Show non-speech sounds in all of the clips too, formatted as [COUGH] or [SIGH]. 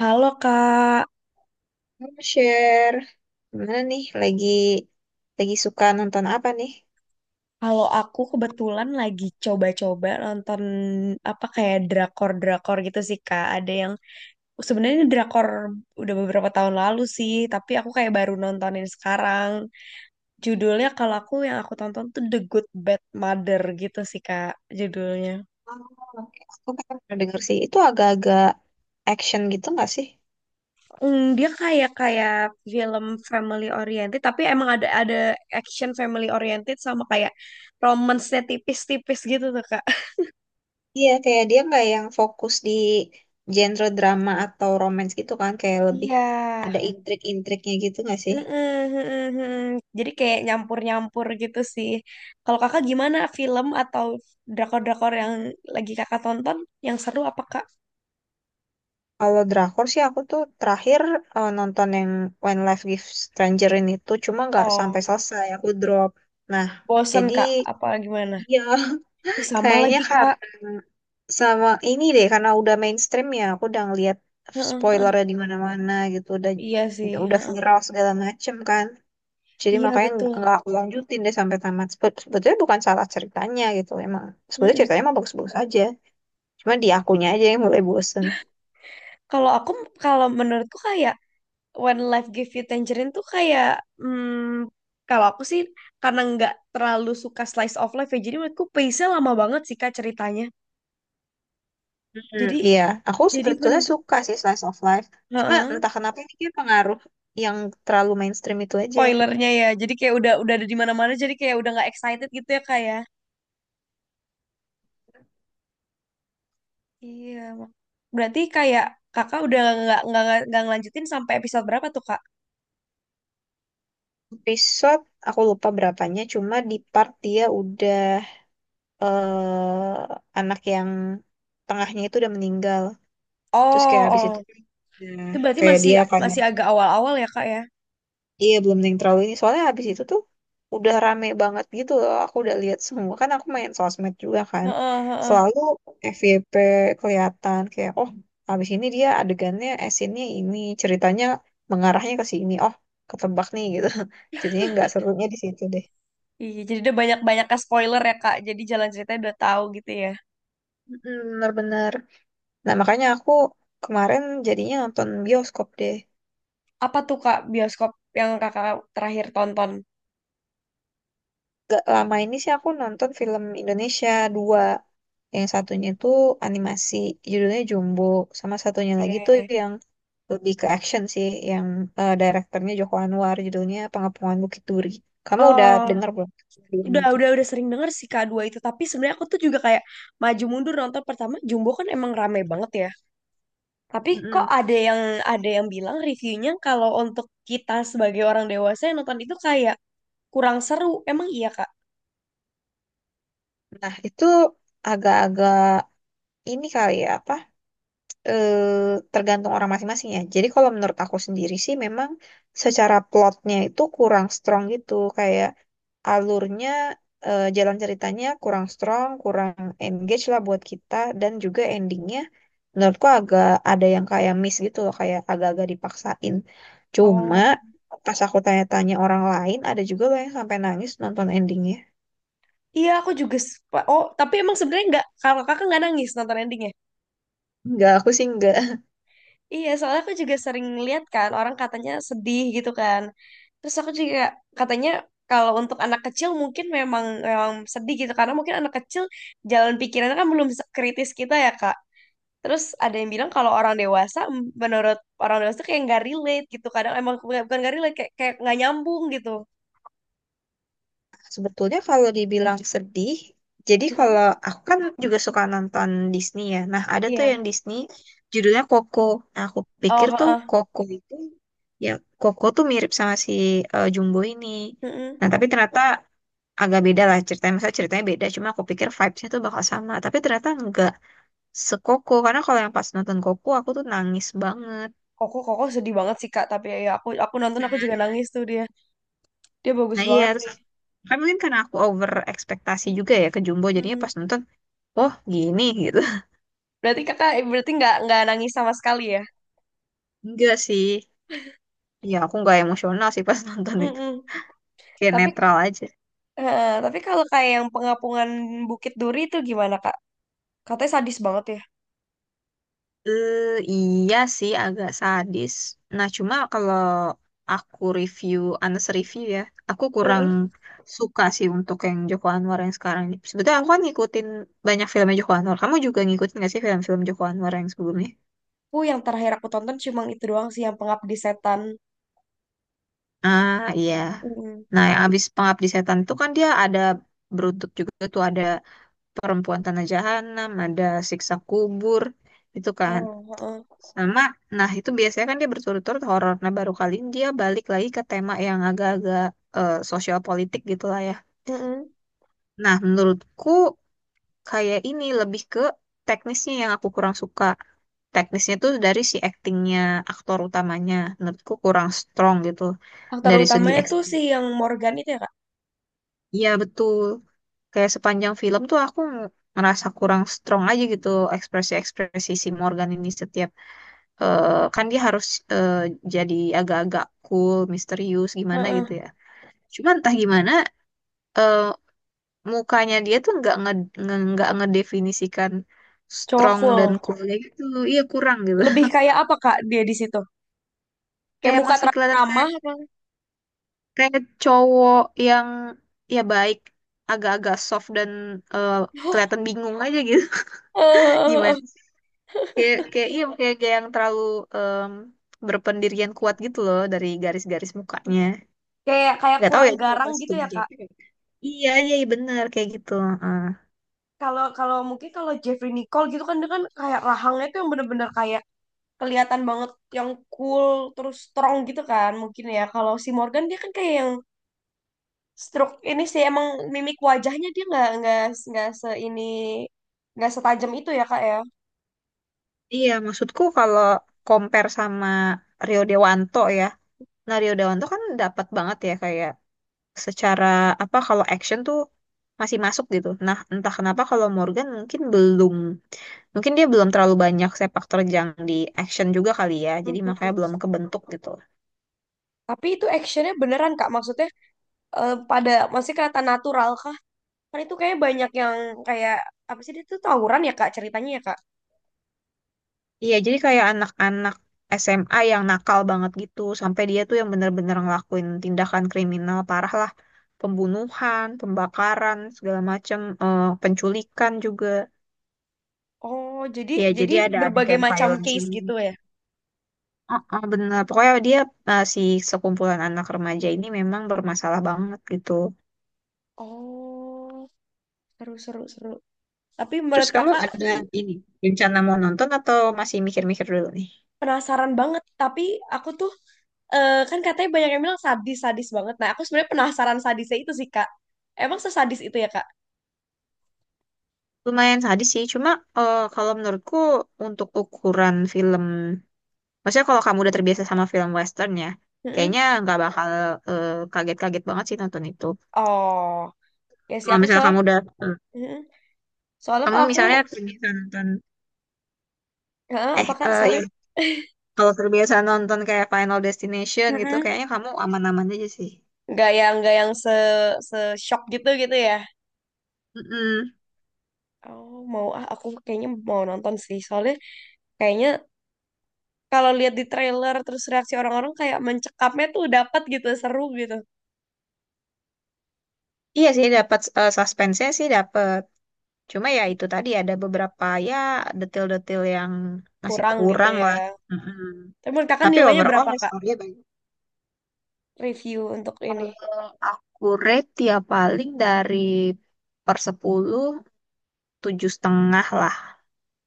Halo Kak, Mau share. Gimana nih? Lagi suka nonton apa nih? kalau aku kebetulan lagi coba-coba nonton apa kayak drakor-drakor gitu sih Kak. Ada yang sebenarnya ini drakor udah beberapa tahun lalu sih, tapi aku kayak baru nontonin sekarang. Judulnya kalau aku yang aku tonton tuh The Good Bad Mother gitu sih Kak, judulnya. Oh, oke. Aku kan pernah denger sih. Itu agak-agak action gitu nggak sih? Dia kayak kayak film family oriented, tapi emang ada action family oriented sama kayak romance-nya tipis-tipis gitu tuh Kak. Iya, kayak dia nggak yang fokus di genre drama atau romance gitu kan. Kayak lebih Iya, ada intrik-intriknya gitu nggak sih? heeh, heeh, heeh. Jadi kayak nyampur-nyampur gitu sih. Kalau kakak gimana film atau drakor-drakor yang lagi kakak tonton yang seru apa kak? Kalau drakor sih aku tuh terakhir nonton yang When Life Gives Stranger ini tuh cuma nggak sampai Oh, selesai. Aku drop. Nah, bosen jadi kak? Apa gimana? iya. [LAUGHS] Ih sama Kayaknya lagi kak. karena sama ini deh, karena udah mainstream ya, aku udah ngeliat Heeh, heeh. spoilernya di mana-mana gitu, udah Iya sih. udah Heeh. viral segala macem kan. Jadi Iya makanya nggak betul. nggak aku lanjutin deh sampai tamat. Sebetulnya bukan salah ceritanya gitu, emang sebetulnya Heeh. ceritanya emang bagus-bagus aja. Cuma di akunya Iya. aja yang mulai bosen. Kalau aku, kalau menurutku kayak When Life Give You Tangerine tuh kayak, hmm, kalau aku sih karena nggak terlalu suka slice of life ya, jadi menurutku pace-nya lama banget sih kak ceritanya. Hmm, Jadi, iya, aku jadi sebetulnya suka sih slice of life. Cuma heeh, entah kenapa ini kayak pengaruh yang terlalu mainstream itu aja. spoilernya ya. Jadi kayak udah ada di mana-mana jadi kayak udah nggak excited gitu ya kak ya. Iya. Mak. Berarti kayak kakak udah nggak ngelanjutin sampai episode berapa tuh kak? Episode aku lupa berapanya, cuma di part dia udah eh anak yang tengahnya itu udah meninggal. Terus kayak Oh, habis itu oh. ya, Itu berarti kayak masih dia kayak masih agak awal-awal ya kak ya. iya belum yang terlalu ini. Soalnya habis itu tuh udah rame banget gitu loh. Aku udah lihat semua kan aku main sosmed juga kan. Heeh, heeh. Selalu FYP kelihatan kayak oh habis ini dia adegannya esinnya ini ceritanya mengarahnya ke sini. Oh ketebak nih gitu. [LAUGHS] Jadinya nggak serunya di situ deh. Iya, jadi udah banyak-banyak spoiler ya kak. Jadi jalan ceritanya udah tahu gitu ya. Mm, bener-bener. Nah makanya aku kemarin jadinya nonton bioskop deh. Apa tuh kak bioskop yang kakak terakhir tonton? Gak lama ini sih aku nonton film Indonesia dua. Yang satunya itu animasi, judulnya Jumbo. Sama satunya lagi tuh Oke. yang lebih ke action sih, yang direkturnya Joko Anwar, judulnya Pengepungan Bukit Duri. Kamu udah Oh. dengar belum keduanya udah itu? udah udah sering denger sih K2 itu tapi sebenarnya aku tuh juga kayak maju mundur nonton pertama Jumbo kan emang rame banget ya tapi kok Mm-mm. ada yang bilang reviewnya kalau untuk kita sebagai orang dewasa yang nonton itu kayak kurang seru emang iya Kak? Nah, itu agak-agak ini kali ya, apa? eh, Tergantung orang masing-masing ya. Jadi kalau menurut aku sendiri sih memang secara plotnya itu kurang strong gitu, kayak alurnya jalan ceritanya kurang strong, kurang engage lah buat kita dan juga endingnya menurutku agak ada yang kayak miss gitu loh, kayak agak-agak dipaksain. Cuma Oh, pas aku tanya-tanya orang lain, ada juga loh yang sampai nangis nonton endingnya. iya aku juga suka. Oh tapi emang sebenarnya nggak kalau kakak nggak nangis nonton endingnya? Enggak, aku sih enggak. Iya, soalnya aku juga sering lihat kan orang katanya sedih gitu kan. Terus aku juga katanya kalau untuk anak kecil mungkin memang memang sedih gitu karena mungkin anak kecil jalan pikirannya kan belum kritis kita ya, Kak. Terus ada yang bilang kalau orang dewasa menurut orang dewasa tuh kayak nggak relate gitu. Kadang emang bukan bukan nggak relate kayak kayak nggak nyambung gitu. Sebetulnya kalau dibilang sedih, jadi Mm-mm. kalau aku kan juga suka nonton Disney ya. Nah, ada tuh yang Iya. Disney judulnya Coco. Nah, aku Oh, pikir tuh heeh. Coco itu ya Coco tuh mirip sama si Jumbo ini. Mm-mm. Nah, tapi ternyata agak beda lah ceritanya. Masa ceritanya beda, cuma aku pikir vibes-nya tuh bakal sama. Tapi ternyata enggak sekoko. Karena kalau yang pas nonton Coco, aku tuh nangis banget. Koko Koko sedih banget sih Kak, tapi ya ya aku Iya nonton aku kan? juga nangis tuh dia. Dia bagus Nah, iya. banget Terus kan mungkin karena aku over ekspektasi juga ya ke Jumbo. Jadinya sih. pas nonton, oh gini gitu. Berarti kakak berarti nggak nangis sama sekali ya? Enggak sih. Ya, aku nggak emosional sih pas [LAUGHS] nonton itu. Mm-mm. Kayak Tapi netral aja. Tapi kalau kayak yang pengapungan Bukit Duri itu gimana kak? Katanya sadis banget ya. Eh, iya sih, agak sadis. Nah, cuma kalau aku review, Anes review ya, aku kurang Heeh. suka sih untuk yang Joko Anwar yang sekarang ini. Sebetulnya aku kan ngikutin banyak filmnya Joko Anwar. Kamu juga ngikutin nggak sih film-film Joko Anwar yang sebelumnya? Aku yang terakhir aku tonton cuma itu doang sih yang pengabdi setan. Ah, iya. Mm-mm. Nah, yang abis Pengabdi Setan itu kan dia ada beruntuk juga tuh ada Perempuan Tanah Jahanam, ada Siksa Kubur, itu kan. Oh, heeh. Sama, nah itu biasanya kan dia berturut-turut horor. Nah baru kali ini dia balik lagi ke tema yang agak-agak sosial politik gitu lah ya. Heeh. Nah menurutku kayak ini lebih ke teknisnya yang aku kurang suka. Teknisnya tuh dari si actingnya aktor utamanya menurutku kurang strong gitu. Aktor Dari segi utamanya tuh acting. si yang Morgan itu ya kak? Iya betul. Kayak sepanjang film tuh aku ngerasa kurang strong aja gitu ekspresi-ekspresi si Morgan ini setiap kan dia harus eh, jadi agak-agak cool, misterius gimana gitu Heeh. ya. Cuman entah gimana eh, mukanya dia tuh nggak ngedefinisikan Cowok strong dan cool. coolnya gitu. Iya kurang gitu. Lebih kayak apa kak dia di situ? [LAUGHS] Kayak Kayak muka masih terlalu kelihatan kayak ramah apa? [LAUGHS] kayak cowok yang ya baik, agak-agak soft dan eh, kelihatan bingung aja gitu. [LAUGHS] Gimana? Eh, Kayak kayak iya kayak yang terlalu em, berpendirian kuat gitu loh dari garis-garis mukanya. kayak kayak Nggak tahu kurang ya ini garang apa gitu ya subjek. kak? Iya, iya iya, bener kayak gitu. Heeh. Kalau kalau mungkin kalau Jeffrey Nicole gitu kan dia kan kayak rahangnya tuh yang bener-bener kayak kelihatan banget yang cool terus strong gitu kan mungkin ya. Kalau si Morgan dia kan kayak yang stroke ini sih emang mimik wajahnya dia nggak se ini nggak setajam itu ya kak ya. Iya, maksudku kalau compare sama Rio Dewanto ya. Nah, Rio Dewanto kan dapat banget ya kayak secara apa kalau action tuh masih masuk gitu. Nah, entah kenapa kalau Morgan mungkin belum mungkin dia belum terlalu banyak sepak terjang di action juga kali ya. Jadi Mhm. makanya belum kebentuk gitu. Tapi itu actionnya beneran kak maksudnya pada masih kelihatan natural kah? Kan itu kayak banyak yang kayak apa sih dia tuh tawuran ya kak ceritanya ya kak. Iya, jadi kayak anak-anak SMA yang nakal banget gitu, sampai dia tuh yang bener-bener ngelakuin tindakan kriminal parah lah, pembunuhan, pembakaran, segala macem, penculikan juga. Oh jadi Ya, jadi jadi ada berbagai adegan macam violence case gitu ini. ya. Oh, oh, bener. Pokoknya dia si sekumpulan anak remaja ini memang bermasalah banget gitu. Oh, seru, seru, seru. Tapi Terus menurut kamu kakak ada ini rencana mau nonton atau masih mikir-mikir dulu nih? penasaran banget. Tapi aku tuh kan katanya banyak yang bilang sadis-sadis banget. Nah, aku sebenarnya penasaran sadisnya itu sih, Kak. Emang sesadis itu ya, Kak? Lumayan sadis sih, cuma kalau menurutku untuk ukuran film. Maksudnya kalau kamu udah terbiasa sama film western ya, Mm-mm. kayaknya nggak bakal kaget-kaget banget sih nonton itu. Oh, ya sih Kalau aku misalnya soal kamu udah, eh, mm-mm. Soalnya kamu kalau aku misalnya terbiasa nonton, heeh, apa Kak? Sorry. ya, kalau terbiasa nonton kayak Final [LAUGHS] Destination gitu, Mm-mm. kayaknya kamu aman-aman aja sih. Nggak yang se se shock gitu gitu ya. Mm-mm. Oh, mau ah aku kayaknya mau nonton sih. Soalnya kayaknya kalau lihat di trailer terus reaksi orang-orang kayak mencekapnya tuh dapat gitu, seru gitu. Iya sih, dapat suspense-nya sih dapat. Cuma ya itu tadi ada beberapa ya detail-detail yang masih Kurang gitu kurang ya. lah. Mm-mm. Tapi menurut kakak Tapi nilainya overall berapa kak? story-nya bagus. Review untuk ini Aku rate ya paling dari per 10 7,5 lah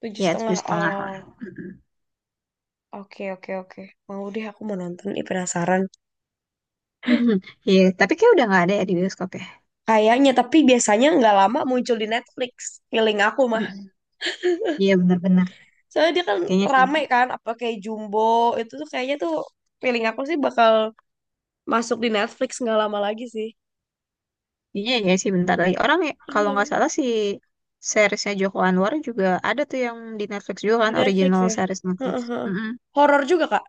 tujuh ya tujuh setengah. setengah lah. Oh, Mm-mm. oke oke oke. Mau deh aku mau nonton. Ih, penasaran. Mhm. Iya, tapi kayak udah nggak ada ya di bioskop ya. Kayaknya tapi biasanya nggak lama muncul di Netflix. Feeling aku mah. Mm-mm. Iya benar-benar. Soalnya dia kan Kayaknya sih. rame kan. Apa kayak Jumbo itu tuh kayaknya tuh feeling aku sih bakal masuk di Netflix nggak lama lagi sih. Iya ya sih bentar lagi. Orang ya, kalau Iya, nggak salah si, seriesnya Joko Anwar juga ada tuh yang di Netflix juga di kan Netflix original ya. series Netflix. Heeh, heeh. Mm-mm. Horor juga kak.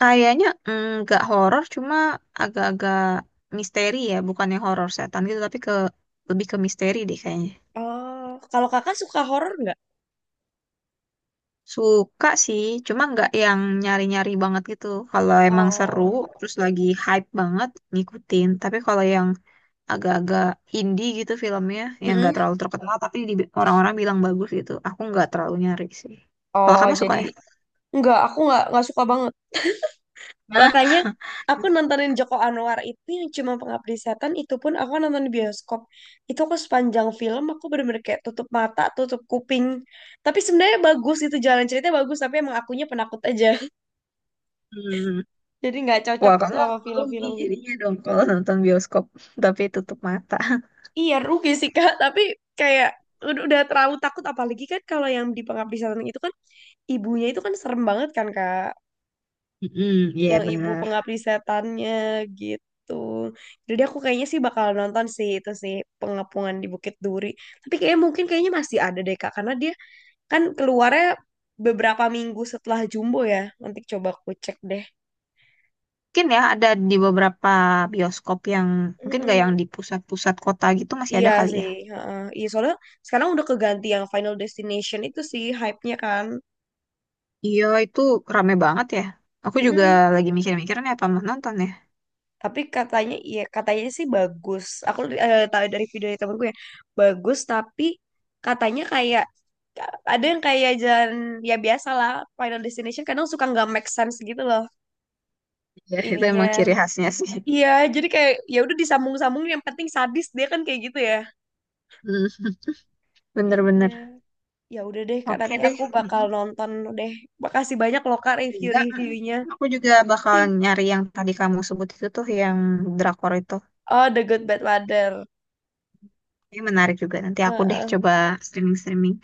Kayaknya nggak horor cuma agak-agak misteri ya, bukannya horor setan gitu tapi ke lebih ke misteri deh kayaknya. Oh, kalau kakak suka horor nggak? Suka sih, cuma nggak yang nyari-nyari banget gitu. Kalau emang seru, Oh, terus lagi hype banget, ngikutin. Tapi kalau yang agak-agak indie gitu filmnya, yang nggak mm-mm. terlalu terkenal, tapi orang-orang bilang bagus gitu, aku nggak terlalu nyari sih. Kalau Oh, kamu suka jadi ya? enggak, aku nggak suka banget. Nah, Makanya aku nontonin Joko Anwar itu yang cuma Pengabdi Setan itu pun aku nonton di bioskop. Itu aku sepanjang film aku bener-bener kayak tutup mata, tutup kuping. Tapi sebenarnya bagus itu jalan ceritanya bagus, tapi emang akunya penakut aja. [LAUGHS] hmm. Jadi nggak cocok Wah, kamu sama rugi film-film gitu. jadinya dong kalau nonton bioskop, [LAUGHS] tapi tutup mata. Iya rugi sih Kak, tapi kayak udah terlalu takut apalagi kan kalau yang di Pengabdi Setan itu kan ibunya itu kan serem banget kan Kak. Mm, iya Yang ibu bener. pengabdi setannya gitu. Jadi aku kayaknya sih bakal nonton sih itu sih pengepungan di Bukit Duri. Tapi kayaknya mungkin kayaknya masih ada deh Kak karena dia kan keluarnya beberapa minggu setelah Jumbo ya. Nanti coba aku cek deh. Mungkin ya ada di beberapa bioskop yang mungkin gak yang Mm-mm. di pusat-pusat kota gitu masih Iya ada kali ya. sih, heeh. Iya soalnya sekarang udah keganti yang Final Destination itu sih hype-nya kan. Iya, itu rame banget ya. Aku juga Mm-mm. lagi mikir-mikir nih apa mau nonton ya. Tapi katanya iya katanya sih bagus, aku tahu dari video dari temenku ya, bagus tapi katanya kayak ada yang kayak jalan ya biasa lah Final Destination kadang suka nggak make sense gitu loh Iya itu emang ininya ciri khasnya sih. iya jadi kayak ya udah disambung-sambung yang penting sadis dia kan kayak gitu ya Hmm, iya. bener-bener. Ya udah deh kak Oke nanti deh. aku bakal Mm-mm. nonton deh, makasih banyak loh kak Aku juga, review-reviewnya. mm-mm. Aku juga bakal nyari yang tadi kamu sebut itu tuh, yang drakor itu. Oh The Good Bad Mother. Ini menarik juga. Nanti aku deh Heeh. coba streaming-streaming.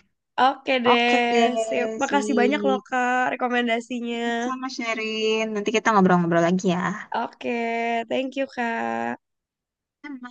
Oke Oke deh, deh, sip. Makasih banyak loh sih. Kak rekomendasinya. Sama sharing. Nanti kita ngobrol-ngobrol lagi ya. Oke, thank you, Kak. Sama.